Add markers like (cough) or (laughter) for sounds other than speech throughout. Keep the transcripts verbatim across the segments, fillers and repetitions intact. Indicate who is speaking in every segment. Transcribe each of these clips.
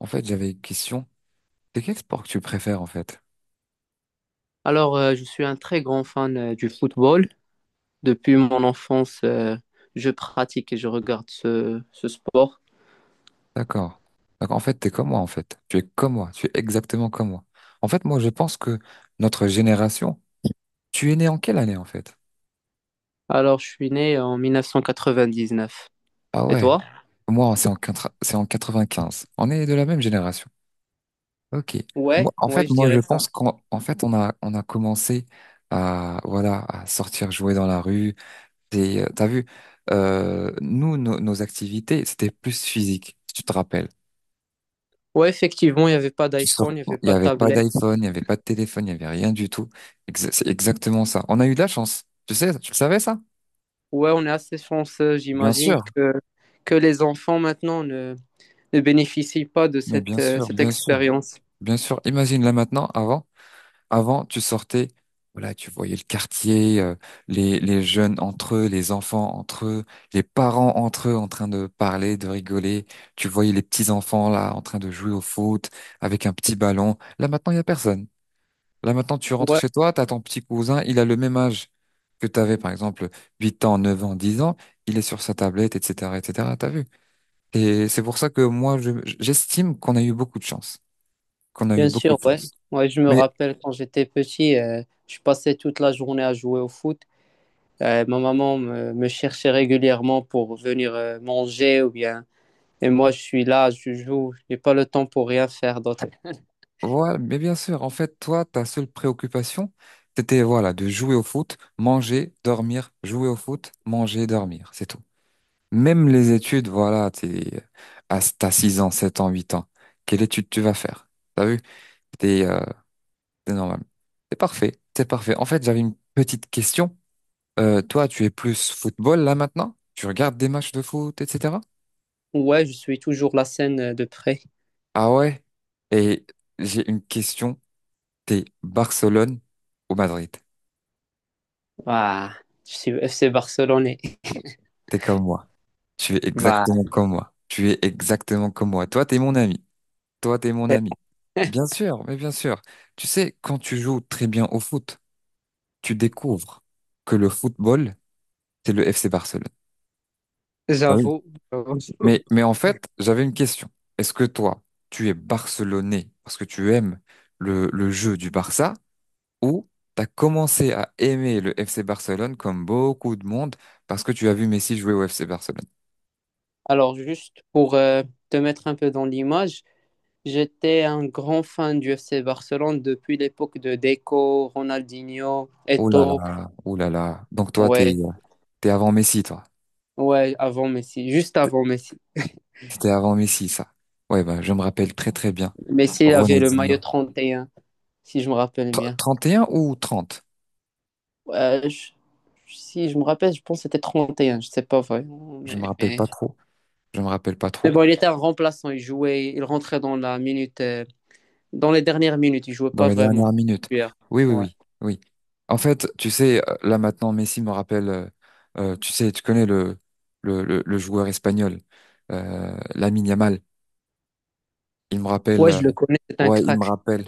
Speaker 1: En fait, j'avais une question. C'est quel sport que tu préfères, en fait?
Speaker 2: Alors, euh, je suis un très grand fan euh, du football. Depuis mon enfance, euh, je pratique et je regarde ce, ce sport.
Speaker 1: D'accord. Donc, en fait, t'es comme moi, en fait. Tu es comme moi. Tu es exactement comme moi. En fait, moi, je pense que notre génération, tu es né en quelle année, en fait?
Speaker 2: Alors, je suis né en mille neuf cent quatre-vingt-dix-neuf.
Speaker 1: Ah
Speaker 2: Et
Speaker 1: ouais.
Speaker 2: toi?
Speaker 1: Moi, c'est en, quatre- c'est en quatre-vingt-quinze. On est de la même génération. Ok.
Speaker 2: Ouais,
Speaker 1: Moi, en fait,
Speaker 2: ouais, je
Speaker 1: moi, je
Speaker 2: dirais ça.
Speaker 1: pense qu'en en fait, on a, on a commencé à, voilà, à sortir jouer dans la rue. Et, euh, t'as vu, euh, nous, nos nos activités, c'était plus physique, si tu te rappelles.
Speaker 2: Ouais, effectivement, il n'y avait pas
Speaker 1: Tu
Speaker 2: d'iPhone, il
Speaker 1: sors,
Speaker 2: n'y avait
Speaker 1: il n'y
Speaker 2: pas de
Speaker 1: avait pas
Speaker 2: tablette.
Speaker 1: d'iPhone, il n'y avait pas de téléphone, il n'y avait rien du tout. Exa- C'est exactement ça. On a eu de la chance. Tu sais, tu le savais ça?
Speaker 2: Ouais, on est assez chanceux,
Speaker 1: Bien
Speaker 2: j'imagine,
Speaker 1: sûr,
Speaker 2: que, que les enfants maintenant ne, ne bénéficient pas de
Speaker 1: mais bien
Speaker 2: cette, euh,
Speaker 1: sûr,
Speaker 2: cette
Speaker 1: bien sûr,
Speaker 2: expérience.
Speaker 1: bien sûr. Imagine là maintenant, avant, avant, tu sortais, voilà, tu voyais le quartier, euh, les, les jeunes entre eux, les enfants entre eux, les parents entre eux en train de parler, de rigoler. Tu voyais les petits enfants là en train de jouer au foot avec un petit ballon. Là maintenant, il y a personne. Là maintenant, tu rentres
Speaker 2: Ouais,
Speaker 1: chez toi, tu as ton petit cousin, il a le même âge que tu avais, par exemple, huit ans, neuf ans, dix ans, il est sur sa tablette, et cetera, et cetera, t'as vu? Et c'est pour ça que moi, je- j'estime qu'on a eu beaucoup de chance, qu'on a eu
Speaker 2: bien
Speaker 1: beaucoup
Speaker 2: sûr,
Speaker 1: de
Speaker 2: ouais.
Speaker 1: chance.
Speaker 2: Ouais, je me
Speaker 1: Mais
Speaker 2: rappelle quand j'étais petit, euh, je passais toute la journée à jouer au foot. Euh, ma maman me, me cherchait régulièrement pour venir euh, manger ou bien. Et moi, je suis là, je joue, j'ai pas le temps pour rien faire d'autre.
Speaker 1: voilà, mais bien sûr, en fait, toi, ta seule préoccupation, c'était, voilà, de jouer au foot, manger, dormir, jouer au foot, manger, dormir, c'est tout. Même les études, voilà, t'es, à, t'as six ans, sept ans, huit ans, quelle étude tu vas faire? T'as vu? C'est normal. C'est parfait. C'est parfait. En fait, j'avais une petite question. Euh, toi, tu es plus football là maintenant? Tu regardes des matchs de foot, et cetera.
Speaker 2: Ouais, je suis toujours la scène euh, de près.
Speaker 1: Ah ouais. Et j'ai une question. T'es Barcelone ou Madrid?
Speaker 2: Ouah, je suis F C Barcelonais.
Speaker 1: T'es comme moi. Tu es
Speaker 2: Bah,
Speaker 1: exactement comme moi. Tu es exactement comme moi. Toi, t'es mon ami. Toi, t'es mon ami. Bien
Speaker 2: (laughs)
Speaker 1: sûr, mais bien sûr. Tu sais, quand tu joues très bien au foot, tu découvres que le football, c'est le F C Barcelone. Ah oui.
Speaker 2: j'avoue.
Speaker 1: Mais, mais en fait, j'avais une question. Est-ce que toi, tu es barcelonais parce que tu aimes le, le jeu du Barça ou t'as commencé à aimer le F C Barcelone comme beaucoup de monde parce que tu as vu Messi jouer au F C Barcelone?
Speaker 2: Alors, juste pour euh, te mettre un peu dans l'image, j'étais un grand fan du F C Barcelone depuis l'époque de Deco, Ronaldinho,
Speaker 1: Oh là là,
Speaker 2: Eto'o.
Speaker 1: oh là là. Donc toi, t'es,
Speaker 2: Ouais,
Speaker 1: t'es avant Messi, toi.
Speaker 2: ouais, avant Messi, juste avant Messi.
Speaker 1: C'était avant Messi, ça. Ouais, bah, je me rappelle très très bien.
Speaker 2: Messi il avait le
Speaker 1: Ronaldinho.
Speaker 2: maillot trente et un, si je me rappelle
Speaker 1: Tr-
Speaker 2: bien.
Speaker 1: trente et un ou trente.
Speaker 2: Ouais, je- si je me rappelle, je pense que c'était trente et un. Je sais pas vraiment.
Speaker 1: Je me rappelle
Speaker 2: Mais,
Speaker 1: pas trop. Je me rappelle pas
Speaker 2: mais
Speaker 1: trop.
Speaker 2: bon, il était un remplaçant, il jouait, il rentrait dans la minute, euh, dans les dernières minutes, il jouait
Speaker 1: Dans
Speaker 2: pas
Speaker 1: les
Speaker 2: vraiment.
Speaker 1: dernières minutes.
Speaker 2: Titulaire.
Speaker 1: Oui, oui,
Speaker 2: Ouais.
Speaker 1: oui, oui. En fait, tu sais, euh, là maintenant, Messi me rappelle, euh, euh, tu sais, tu connais le, le, le, le joueur espagnol, euh, Lamine Yamal. Il me rappelle,
Speaker 2: Ouais,
Speaker 1: euh,
Speaker 2: je le connais, c'est un
Speaker 1: ouais, il me
Speaker 2: crack.
Speaker 1: rappelle,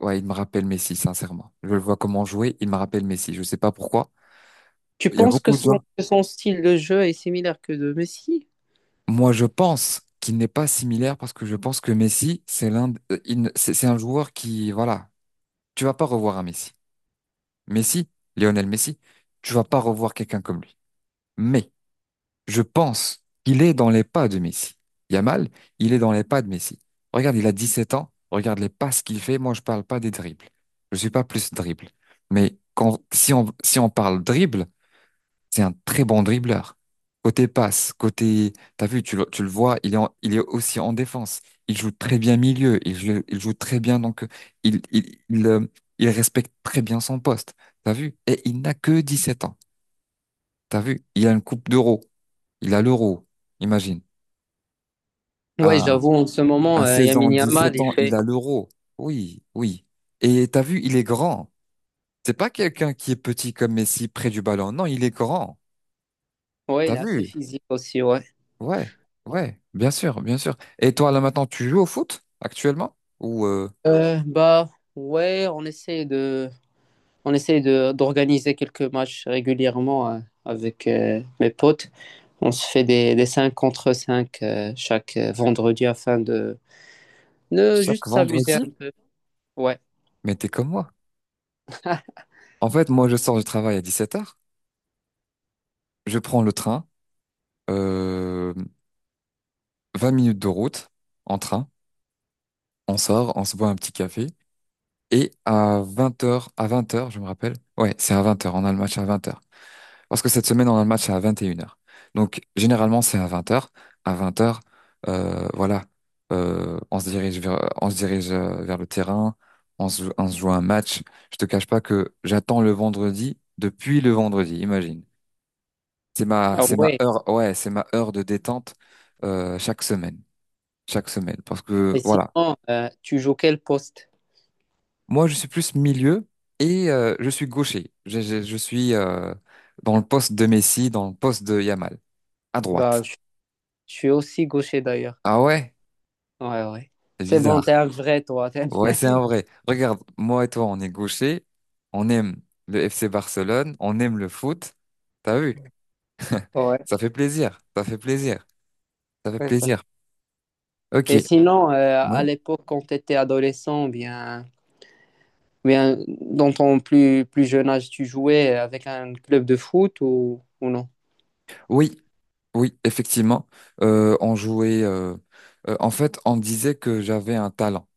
Speaker 1: ouais, il me rappelle Messi, sincèrement. Je le vois comment jouer, il me rappelle Messi. Je sais pas pourquoi.
Speaker 2: Tu
Speaker 1: Il y a
Speaker 2: penses que
Speaker 1: beaucoup de
Speaker 2: son,
Speaker 1: gens.
Speaker 2: que son style de jeu est similaire que de Messi?
Speaker 1: Moi, je pense qu'il n'est pas similaire parce que je pense que Messi, c'est l'un, de- euh, il ne- c'est c'est un joueur qui, voilà, tu vas pas revoir un Messi. Messi, Lionel Messi, tu vas pas revoir quelqu'un comme lui. Mais je pense qu'il est dans les pas de Messi. Yamal, il est dans les pas de Messi. Regarde, il a dix-sept ans. Regarde les passes qu'il fait. Moi, je parle pas des dribbles. Je suis pas plus dribble. Mais quand, si on, si on parle dribble, c'est un très bon dribbleur. Côté passe, côté, t'as vu, tu le, tu le vois, il est, en- il est aussi en défense. Il joue très bien milieu. Il, joue- il joue très bien, donc, il, il, il, euh, il respecte très bien son poste. T'as vu? Et il n'a que dix-sept ans. T'as vu? Il a une coupe d'euro. Il a l'euro. Imagine.
Speaker 2: Ouais,
Speaker 1: À,
Speaker 2: j'avoue, en ce moment,
Speaker 1: à
Speaker 2: euh,
Speaker 1: seize ans,
Speaker 2: Lamine Yamal,
Speaker 1: sept
Speaker 2: il
Speaker 1: ans, il
Speaker 2: fait.
Speaker 1: a l'euro. Oui, oui. Et t'as vu, il est grand. C'est pas quelqu'un qui est petit comme Messi près du ballon. Non, il est grand.
Speaker 2: Ouais, il
Speaker 1: T'as
Speaker 2: est assez
Speaker 1: vu?
Speaker 2: physique aussi, ouais.
Speaker 1: Ouais, ouais, bien sûr, bien sûr. Et toi, là maintenant, tu joues au foot actuellement? Ou euh,
Speaker 2: Euh, bah, ouais, on essaie de. On essaye de d'organiser quelques matchs régulièrement euh, avec euh, mes potes. On se fait des, des cinq contre cinq euh, chaque euh, vendredi afin de, de
Speaker 1: chaque
Speaker 2: juste s'amuser un
Speaker 1: vendredi?
Speaker 2: peu. Ouais.
Speaker 1: Mais t'es comme moi. En fait, moi, je sors du travail à dix-sept heures. Je prends le train. Euh, vingt minutes de route en train. On sort, on se boit un petit café. Et à vingt heures, à vingt heures, je me rappelle. Ouais, c'est à vingt heures. On a le match à vingt heures. Parce que cette semaine, on a le match à vingt et une heures. Donc, généralement, c'est à vingt heures. À vingt heures, euh, voilà, euh, on se dirige vers, on se dirige euh, vers le terrain, on se, on se joue un match. Je te cache pas que j'attends le vendredi depuis le vendredi, imagine. C'est ma,
Speaker 2: Ah
Speaker 1: c'est ma
Speaker 2: ouais.
Speaker 1: heure, ouais, c'est ma heure de détente euh, chaque semaine, chaque semaine. Parce que
Speaker 2: Et
Speaker 1: voilà,
Speaker 2: sinon, euh, tu joues quel poste?
Speaker 1: moi, je suis plus milieu et euh, je suis gaucher. Je, je, je suis euh, dans le poste de Messi, dans le poste de Yamal, à
Speaker 2: Bah,
Speaker 1: droite.
Speaker 2: je, je suis aussi gaucher d'ailleurs.
Speaker 1: Ah ouais?
Speaker 2: Ouais, ouais.
Speaker 1: C'est
Speaker 2: C'est bon,
Speaker 1: bizarre.
Speaker 2: t'es un vrai toi. t'es-
Speaker 1: Ouais, c'est
Speaker 2: (laughs)
Speaker 1: un vrai. Regarde, moi et toi, on est gauchers, on aime le F C Barcelone, on aime le foot. T'as vu?
Speaker 2: Ouais,
Speaker 1: Ça fait plaisir, ça fait plaisir, ça fait
Speaker 2: c'est ça.
Speaker 1: plaisir. Ok.
Speaker 2: Et sinon, euh, à
Speaker 1: Oui.
Speaker 2: l'époque, quand tu étais adolescent, bien, bien, dans ton plus, plus jeune âge, tu jouais avec un club de foot ou, ou non?
Speaker 1: Oui, oui, effectivement. Euh, on jouait. euh, euh, en fait, on disait que j'avais un talent.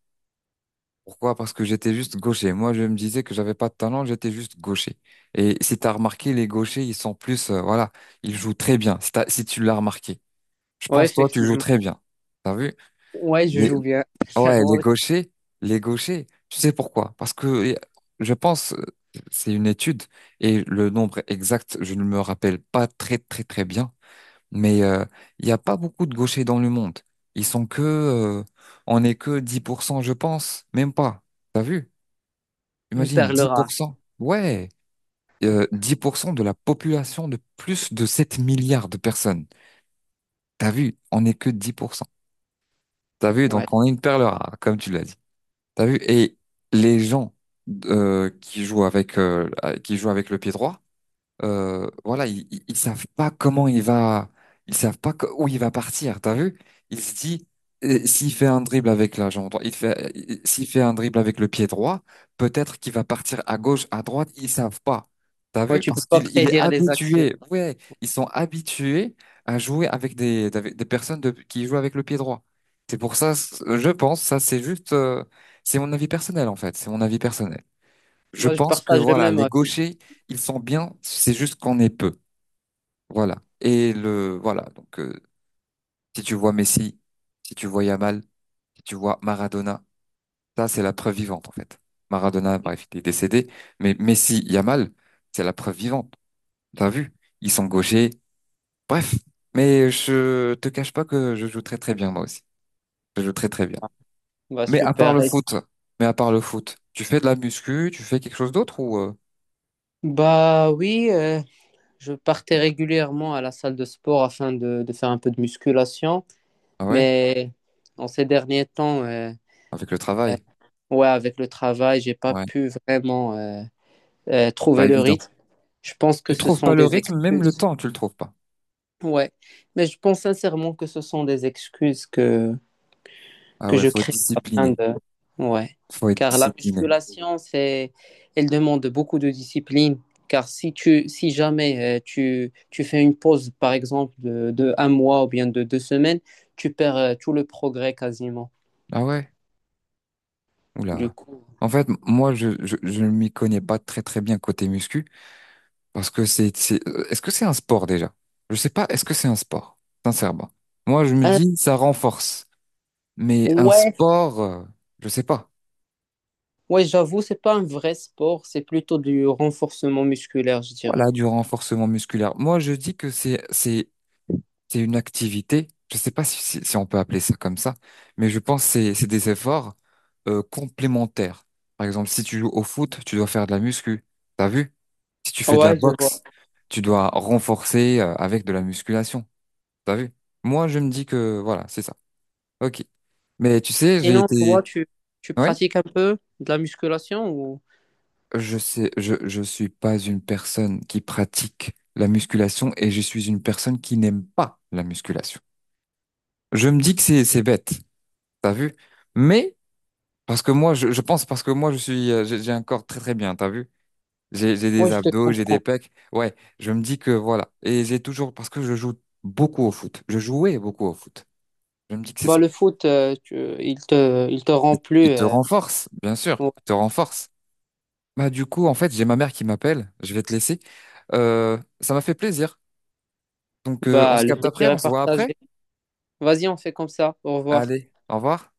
Speaker 1: Pourquoi? Parce que j'étais juste gaucher. Moi, je me disais que j'avais pas de talent, j'étais juste gaucher. Et si t'as remarqué, les gauchers, ils sont plus, euh, voilà, ils jouent très bien. Si t'as- si tu l'as remarqué, je
Speaker 2: Ouais,
Speaker 1: pense toi, tu joues
Speaker 2: effectivement.
Speaker 1: très bien. T'as vu?
Speaker 2: Ouais, je joue bien. (laughs) C'est
Speaker 1: Ouais,
Speaker 2: vraiment
Speaker 1: les gauchers, les gauchers, tu sais pourquoi? Parce que euh, je pense, euh, c'est une étude et le nombre exact, je ne me rappelle pas très très très bien, mais euh, il n'y a pas beaucoup de gauchers dans le monde. Ils sont que, euh, on n'est que dix pour cent, je pense, même pas. T'as vu?
Speaker 2: une
Speaker 1: Imagine,
Speaker 2: perle
Speaker 1: dix pour
Speaker 2: rare.
Speaker 1: cent. Ouais, euh, dix pour cent de la population de plus de sept milliards de personnes. T'as vu? On n'est que dix pour cent. T'as vu?
Speaker 2: Ouais.
Speaker 1: Donc on est une perle rare, comme tu l'as dit. T'as vu? Et les gens euh, qui jouent avec euh, qui jouent avec le pied droit, euh, voilà, ils, ils ils savent pas comment il va, ils savent pas co- où il va partir. T'as vu? Il se dit, euh, s'il fait un dribble avec la jambe droite, il fait, il- s'il fait un dribble avec le pied droit, peut-être qu'il va partir à gauche, à droite. Ils savent pas. T'as
Speaker 2: Ouais,
Speaker 1: vu?
Speaker 2: tu peux
Speaker 1: Parce
Speaker 2: pas
Speaker 1: qu'il, il est
Speaker 2: prédire les actions.
Speaker 1: habitué. Ouais, ils sont habitués à jouer avec des, avec des personnes de- qui jouent avec le pied droit. C'est pour ça, c- je pense, ça c'est juste, euh, c'est mon avis personnel en fait. C'est mon avis personnel. Je
Speaker 2: Bah, je
Speaker 1: pense que
Speaker 2: partage le
Speaker 1: voilà,
Speaker 2: même
Speaker 1: les
Speaker 2: avis.
Speaker 1: gauchers, ils sont bien, c'est juste qu'on est peu. Voilà. Et le voilà, donc euh, si tu vois Messi, si tu vois Yamal, si tu vois Maradona, ça c'est la preuve vivante en fait. Maradona, bref, il est décédé, mais Messi, Yamal, c'est la preuve vivante. T'as vu? Ils sont gauchers. Bref, mais je te cache pas que je joue très très bien moi aussi. Je joue très très bien.
Speaker 2: Bah,
Speaker 1: Mais à part
Speaker 2: super.
Speaker 1: le
Speaker 2: Et-
Speaker 1: foot, mais à part le foot, tu fais de la muscu, tu fais quelque chose d'autre ou euh,
Speaker 2: Bah oui, euh, je partais régulièrement à la salle de sport afin de, de faire un peu de musculation,
Speaker 1: ah ouais,
Speaker 2: mais en ces derniers temps, euh,
Speaker 1: avec le
Speaker 2: euh,
Speaker 1: travail.
Speaker 2: ouais, avec le travail, j'ai pas
Speaker 1: Ouais, c'est
Speaker 2: pu vraiment euh, euh, trouver
Speaker 1: pas
Speaker 2: le
Speaker 1: évident.
Speaker 2: rythme. Je pense que
Speaker 1: Tu
Speaker 2: ce
Speaker 1: trouves
Speaker 2: sont
Speaker 1: pas le
Speaker 2: des
Speaker 1: rythme, même le
Speaker 2: excuses.
Speaker 1: temps, tu le trouves pas.
Speaker 2: Ouais, mais je pense sincèrement que ce sont des excuses que
Speaker 1: Ah
Speaker 2: que
Speaker 1: ouais,
Speaker 2: je
Speaker 1: faut être
Speaker 2: crée afin
Speaker 1: discipliné.
Speaker 2: de... Ouais.
Speaker 1: Faut être
Speaker 2: Car la
Speaker 1: discipliné.
Speaker 2: musculation, c'est, elle demande beaucoup de discipline. Car si tu, si jamais euh, tu, tu fais une pause, par exemple, de, de un mois ou bien de deux semaines, tu perds euh, tout le progrès quasiment.
Speaker 1: Ah ouais?
Speaker 2: Du
Speaker 1: Oula.
Speaker 2: coup,
Speaker 1: En fait, m- moi, je, je, je ne m'y connais pas très très bien côté muscu, parce que c'est, c'est, euh, est-ce que c'est un sport déjà? Je sais pas, est-ce que c'est un sport? Sincèrement. Moi, je me
Speaker 2: Euh,
Speaker 1: dis, ça renforce. Mais un
Speaker 2: ouais,
Speaker 1: sport, euh, je sais pas.
Speaker 2: ouais, j'avoue, c'est pas un vrai sport, c'est plutôt du renforcement musculaire, je
Speaker 1: Voilà,
Speaker 2: dirais.
Speaker 1: du renforcement musculaire. Moi, je dis que c'est, c'est c'est une activité. Je ne sais pas si, si, si on peut appeler ça comme ça, mais je pense que c'est c'est des efforts euh, complémentaires. Par exemple, si tu joues au foot, tu dois faire de la muscu. T'as vu? Si tu fais de la
Speaker 2: Ouais, je vois.
Speaker 1: boxe, tu dois renforcer euh, avec de la musculation. T'as vu? Moi, je me dis que voilà, c'est ça. Ok. Mais tu sais, j'ai
Speaker 2: Sinon, toi,
Speaker 1: été.
Speaker 2: tu, tu
Speaker 1: Oui,
Speaker 2: pratiques un peu de la musculation ou...
Speaker 1: je sais, je je suis pas une personne qui pratique la musculation et je suis une personne qui n'aime pas la musculation. Je me dis que c'est c'est bête. T'as vu? Mais parce que moi, je, je pense parce que moi, je suis, euh, j'ai j'ai un corps très très bien, t'as vu? J'ai j'ai
Speaker 2: Ouais,
Speaker 1: des
Speaker 2: je te
Speaker 1: abdos, j'ai des
Speaker 2: comprends.
Speaker 1: pecs. Ouais, je me dis que voilà. Et j'ai toujours, parce que je joue beaucoup au foot. Je jouais beaucoup au foot. Je me dis que c'est
Speaker 2: Bah,
Speaker 1: ça.
Speaker 2: le foot, euh, tu- il te, il te rend plus.
Speaker 1: Il te
Speaker 2: euh,
Speaker 1: renforce, bien sûr. Il
Speaker 2: ouais.
Speaker 1: te renforce. Bah, du coup, en fait, j'ai ma mère qui m'appelle. Je vais te laisser. Euh, ça m'a fait plaisir. Donc, euh, on
Speaker 2: Bah,
Speaker 1: se
Speaker 2: le
Speaker 1: capte après,
Speaker 2: plaisir
Speaker 1: on
Speaker 2: est
Speaker 1: se voit
Speaker 2: partagé.
Speaker 1: après.
Speaker 2: Vas-y, on fait comme ça. Au revoir.
Speaker 1: Allez, au revoir.